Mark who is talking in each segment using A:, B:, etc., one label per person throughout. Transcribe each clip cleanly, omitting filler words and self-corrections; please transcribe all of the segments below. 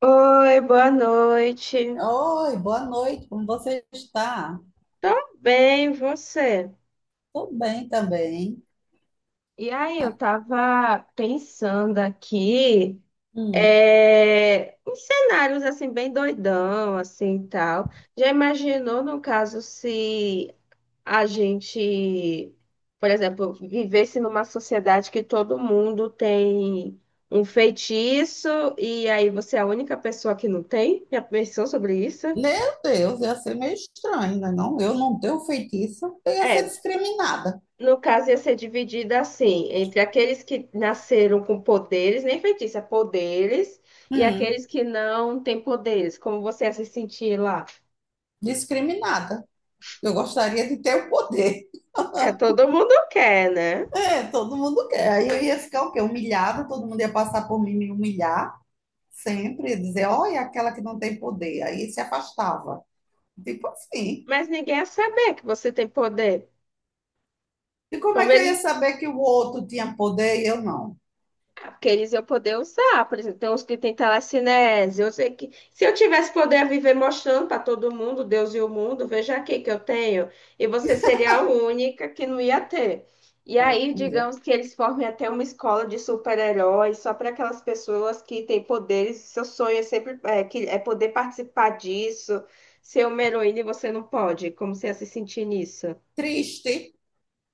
A: Oi, boa noite.
B: Oi, boa noite, como você está?
A: Tô bem, você?
B: Tô bem também.
A: E aí, eu tava pensando aqui,
B: Hum.
A: uns cenários assim bem doidão, assim e tal. Já imaginou no caso se a gente, por exemplo, vivesse numa sociedade que todo mundo tem um feitiço e aí você é a única pessoa que não tem? Já pensou sobre isso?
B: Meu Deus, ia ser meio estranho, né? Não, eu não tenho feitiço, eu ia ser
A: É,
B: discriminada.
A: no caso, ia ser dividida assim, entre aqueles que nasceram com poderes, nem feitiça, poderes, e
B: Hum,
A: aqueles que não têm poderes. Como você ia se sentir lá?
B: discriminada. Eu gostaria de ter o poder.
A: É, todo mundo quer, né?
B: É, todo mundo quer. Aí eu ia ficar o quê? Humilhada, todo mundo ia passar por mim e me humilhar sempre, dizer, olha, aquela que não tem poder. Aí se afastava. Tipo assim.
A: Mas ninguém ia saber que você tem poder.
B: E como é
A: Como
B: que eu ia
A: eles
B: saber que o outro tinha poder e eu não?
A: Ah, porque eles iam poder usar, por exemplo, tem uns que têm telecinese. Eu sei que se eu tivesse poder viver mostrando para todo mundo, Deus e o mundo, veja aqui que eu tenho, e você seria a única que não ia ter. E aí,
B: Olha,
A: digamos que eles formem até uma escola de super-heróis só para aquelas pessoas que têm poderes. Seu sonho é sempre é poder participar disso, ser uma heroína e você não pode. Como você ia se sentir nisso?
B: triste.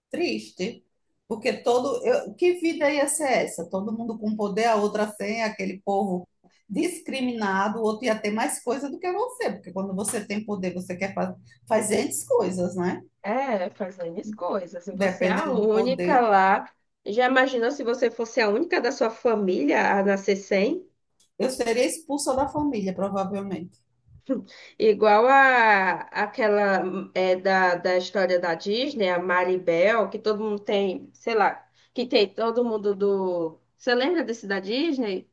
B: Triste, porque todo. Eu, que vida ia ser essa? Todo mundo com poder, a outra sem, aquele povo discriminado, o outro ia ter mais coisa do que você, porque quando você tem poder, você quer fa fazer as coisas, né?
A: É, fazendo as coisas. E você é a
B: Dependendo do
A: única
B: poder.
A: lá. Já imaginou se você fosse a única da sua família a nascer sem?
B: Eu seria expulsa da família, provavelmente.
A: Igual a aquela da história da Disney, a Maribel, que todo mundo tem, sei lá, que tem todo mundo do. Você lembra desse da Disney?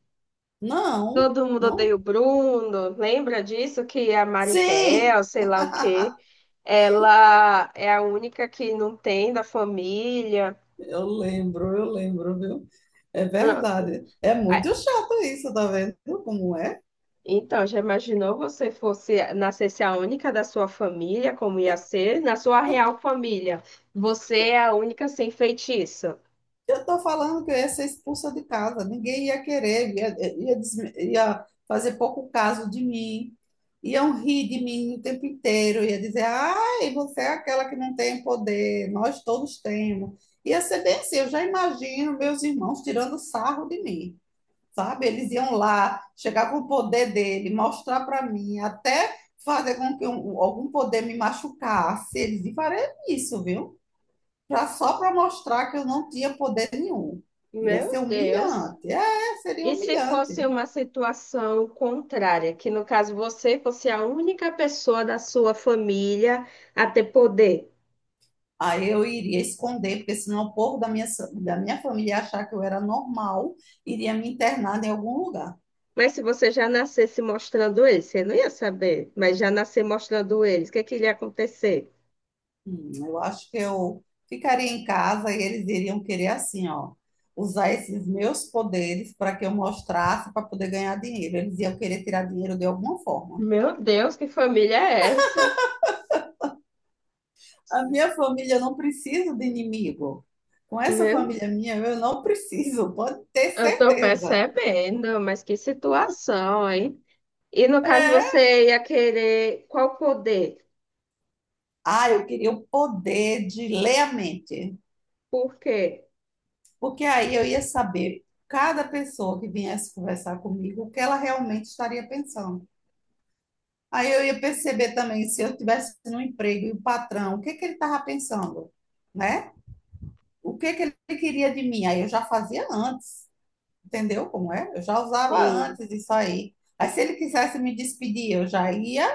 B: Não,
A: Todo mundo odeia
B: não.
A: o Bruno. Lembra disso? Que a
B: Sim!
A: Maribel, sei lá o quê. Ela é a única que não tem da família.
B: Eu lembro, viu? É
A: Pronto.
B: verdade. É muito chato isso, tá vendo como é?
A: Então, já imaginou você fosse nascesse a única da sua família, como ia ser? Na sua real família, você é a única sem feitiço.
B: Eu estou falando que eu ia ser expulsa de casa, ninguém ia querer, ia fazer pouco caso de mim, iam rir de mim o tempo inteiro, ia dizer, ai, você é aquela que não tem poder, nós todos temos. Ia ser bem assim, eu já imagino meus irmãos tirando sarro de mim, sabe? Eles iam lá, chegar com o poder dele, mostrar para mim, até fazer com que algum poder me machucasse, eles iam fazer isso, viu? Só para mostrar que eu não tinha poder nenhum. Iria
A: Meu
B: ser
A: Deus!
B: humilhante. É, seria
A: E se fosse
B: humilhante.
A: uma situação contrária, que no caso você fosse a única pessoa da sua família a ter poder?
B: Aí eu iria esconder, porque senão o povo da da minha família ia achar que eu era normal, iria me internar em algum lugar.
A: Mas se você já nascesse mostrando eles, você não ia saber, mas já nascer mostrando eles, o que é que iria acontecer?
B: Eu acho que eu ficaria em casa e eles iriam querer assim, ó, usar esses meus poderes para que eu mostrasse para poder ganhar dinheiro. Eles iam querer tirar dinheiro de alguma forma.
A: Meu Deus, que família é essa?
B: A minha família não precisa de inimigo. Com essa
A: Meu,
B: família minha, eu não preciso, pode ter
A: eu tô
B: certeza.
A: percebendo, mas que situação, hein? E no caso
B: É.
A: você ia querer qual poder?
B: Ah, eu queria o poder de ler a mente,
A: Por quê?
B: porque aí eu ia saber cada pessoa que viesse conversar comigo o que ela realmente estaria pensando. Aí eu ia perceber também se eu tivesse no emprego e o patrão, o que que ele estava pensando, né? O que que ele queria de mim? Aí eu já fazia antes. Entendeu como é? Eu já usava
A: Sim.
B: antes isso aí. Aí se ele quisesse me despedir, eu já ia,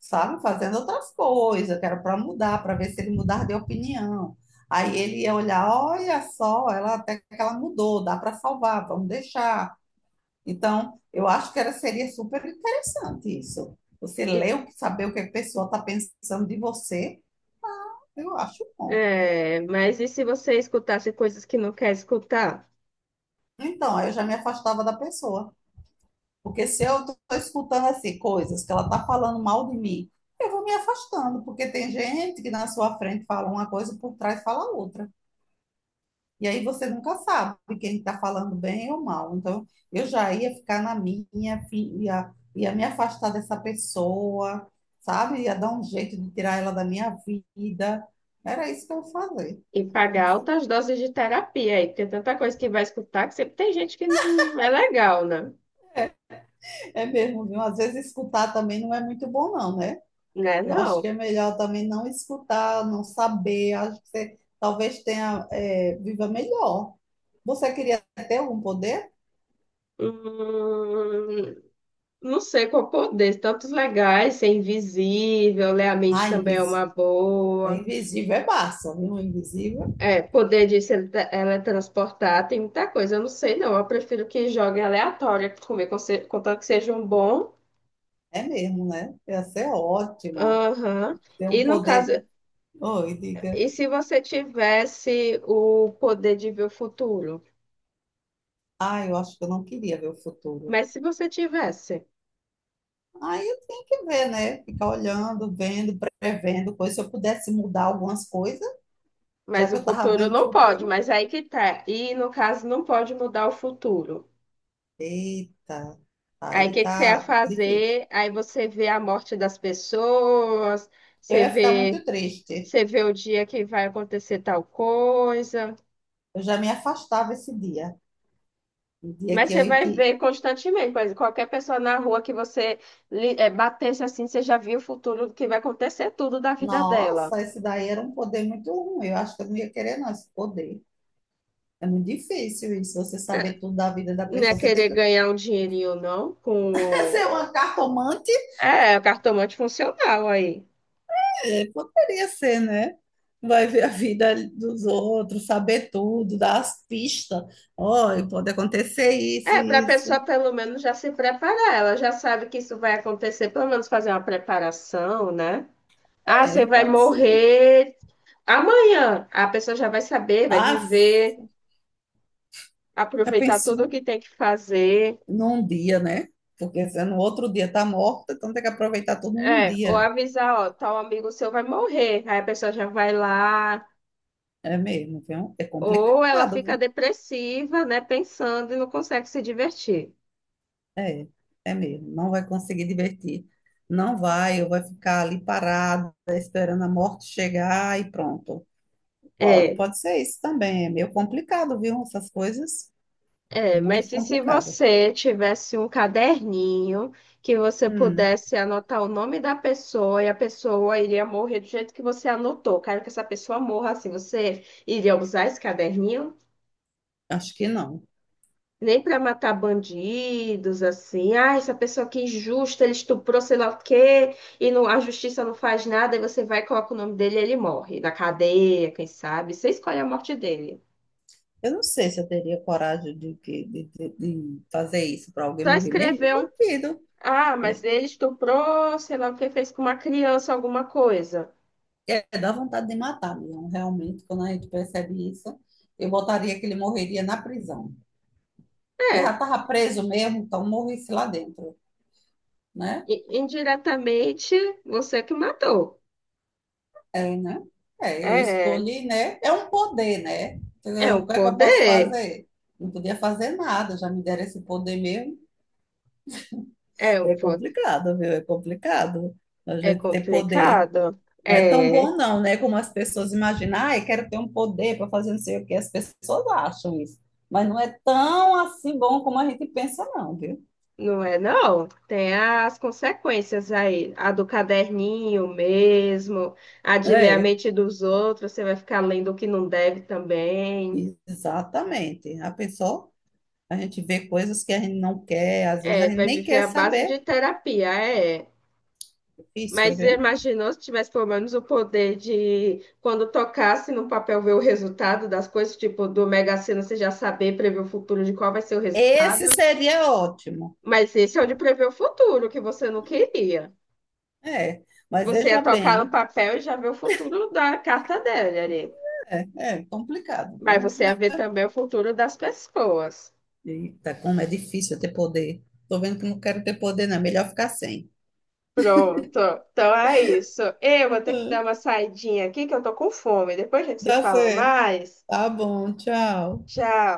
B: sabe, fazendo outras coisas, que era para mudar, para ver se ele mudar de opinião. Aí ele ia olhar, olha só, ela até que ela mudou, dá para salvar, vamos deixar. Então, eu acho que era, seria super interessante isso. Você
A: E-
B: ler, saber o que a pessoa está pensando de você, eu acho bom.
A: mas e se você escutasse coisas que não quer escutar?
B: Então, aí eu já me afastava da pessoa. Porque se eu estou escutando assim coisas que ela está falando mal de mim, eu vou me afastando, porque tem gente que na sua frente fala uma coisa e por trás fala outra. E aí você nunca sabe quem está falando bem ou mal. Então, eu já ia ficar na minha, ia me afastar dessa pessoa, sabe? Ia dar um jeito de tirar ela da minha vida. Era isso que eu ia fazer.
A: E pagar altas doses de terapia aí, porque tanta coisa que vai escutar que sempre tem gente que não é legal, né?
B: É mesmo, viu? Às vezes escutar também não é muito bom, não, né?
A: Né,
B: Eu acho que
A: não.
B: é melhor também não escutar, não saber. Acho que você talvez tenha, viva melhor. Você queria ter algum poder?
A: Hum, não sei qual poder, tantos legais, ser invisível, ler a mente
B: Ah,
A: também é
B: invisível.
A: uma
B: É
A: boa.
B: invisível é massa, viu? Invisível
A: É, poder de se ele- tra- teletransportar tem muita coisa. Eu não sei, não. Eu prefiro que jogue aleatória comigo, contanto que sejam bom.
B: é mesmo, né? Ia ser ótimo.
A: Aham.
B: Ter
A: E
B: um
A: no caso,
B: poder. Oi, diga.
A: e se você tivesse o poder de ver o futuro?
B: Ah, eu acho que eu não queria ver o futuro.
A: Mas se você tivesse,
B: Aí eu tenho que ver, né? Ficar olhando, vendo, prevendo coisas. Se eu pudesse mudar algumas coisas, já
A: mas
B: que
A: o
B: eu estava
A: futuro
B: vendo o
A: não pode,
B: futuro.
A: mas aí que tá. E no caso, não pode mudar o futuro.
B: Eita,
A: Aí o
B: aí
A: que que você ia
B: tá difícil.
A: fazer? Aí você vê a morte das pessoas,
B: Eu
A: você
B: ia ficar
A: vê,
B: muito triste.
A: você vê o dia que vai acontecer tal coisa.
B: Eu já me afastava esse dia. O dia
A: Mas
B: que
A: você
B: eu ia
A: vai
B: que.
A: ver constantemente, por exemplo, qualquer pessoa na rua que você batesse assim, você já viu o futuro do que vai acontecer tudo da vida dela.
B: Nossa, esse daí era um poder muito ruim. Eu acho que eu não ia querer, não, esse poder. É muito difícil isso, você saber tudo da vida da
A: Não é
B: pessoa. Você tem
A: querer
B: que
A: ganhar um dinheirinho, não, com...
B: ser uma cartomante?
A: É, o cartomante funcional aí.
B: É, poderia ser, né? Vai ver a vida dos outros, saber tudo, dar as pistas. Olha, pode acontecer isso,
A: É, para a
B: e
A: pessoa
B: isso.
A: pelo menos já se preparar, ela já sabe que isso vai acontecer, pelo menos fazer uma preparação, né? Ah, você
B: É,
A: vai
B: pode ser.
A: morrer amanhã. A pessoa já vai saber, vai
B: Ah,
A: viver,
B: já
A: aproveitar tudo o
B: pensou?
A: que tem que fazer.
B: Num dia, né? Porque se no outro dia tá morta, então tem que aproveitar tudo num
A: É, ou
B: dia.
A: avisar, ó, tal amigo seu vai morrer. Aí a pessoa já vai lá,
B: É mesmo, viu? É
A: ou ela
B: complicado,
A: fica
B: viu?
A: depressiva, né, pensando e não consegue se divertir.
B: É, é mesmo. Não vai conseguir divertir. Não vai, ou vai ficar ali parada, esperando a morte chegar e pronto. Pode,
A: É,
B: pode ser isso também. É meio complicado, viu? Essas coisas, muito
A: mas e se
B: complicado.
A: você tivesse um caderninho que você
B: Hum,
A: pudesse anotar o nome da pessoa e a pessoa iria morrer do jeito que você anotou? Quero que essa pessoa morra assim. Você iria usar esse caderninho?
B: acho que não.
A: Nem para matar bandidos, assim. Ah, essa pessoa que é injusta, ele estuprou sei lá o quê, e não, a justiça não faz nada, e você vai e coloca o nome dele e ele morre. Na cadeia, quem sabe? Você escolhe a morte dele.
B: Eu não sei se eu teria coragem de, que- de fazer isso para alguém
A: Só
B: morrer mesmo.
A: escrever um.
B: Bandido.
A: Ah, mas ele estuprou, sei lá o que, fez com uma criança alguma coisa.
B: É, dá vontade de matar mesmo, realmente, quando a gente percebe isso. Eu botaria que ele morreria na prisão. Porque já
A: É,
B: estava preso mesmo, então morresse lá dentro, né?
A: indiretamente você que matou.
B: É, né? É, eu
A: É,
B: escolhi, né? É um poder, né?
A: é
B: O
A: um
B: que é que eu posso
A: poder.
B: fazer? Não podia fazer nada, já me deram esse poder mesmo.
A: É um
B: É
A: poder.
B: complicado, viu? É complicado a
A: É
B: gente ter poder.
A: complicado.
B: Não é tão
A: É.
B: bom, não, né? Como as pessoas imaginam, ai, quero ter um poder para fazer não sei o que. As pessoas acham isso. Mas não é tão assim bom como a gente pensa, não, viu?
A: Não é, não. Tem as consequências aí. A do caderninho mesmo, a de ler a
B: É,
A: mente dos outros, você vai ficar lendo o que não deve também.
B: exatamente. A pessoa, a gente vê coisas que a gente não quer, às vezes a
A: É,
B: gente
A: vai
B: nem
A: viver
B: quer
A: à base de
B: saber.
A: terapia, é.
B: Difícil,
A: Mas
B: viu?
A: imaginou se tivesse pelo menos o poder de, quando tocasse no papel, ver o resultado das coisas, tipo do Mega Sena, você já saber prever o futuro de qual vai ser o
B: Esse
A: resultado.
B: seria ótimo.
A: Mas esse é o de prever o futuro, que você não queria.
B: É, mas
A: Você ia
B: veja
A: tocar no
B: bem,
A: papel e já ver o futuro da carta dele ali.
B: é complicado,
A: Mas
B: viu?
A: você ia ver também o futuro das pessoas.
B: Eita, como é difícil ter poder. Tô vendo que não quero ter poder, não. É melhor ficar sem.
A: Pronto. Então é isso. Eu vou ter que dar
B: É,
A: uma saidinha aqui que eu tô com fome. Depois a gente se
B: dá
A: fala
B: certo.
A: mais.
B: Tá bom, tchau.
A: Tchau.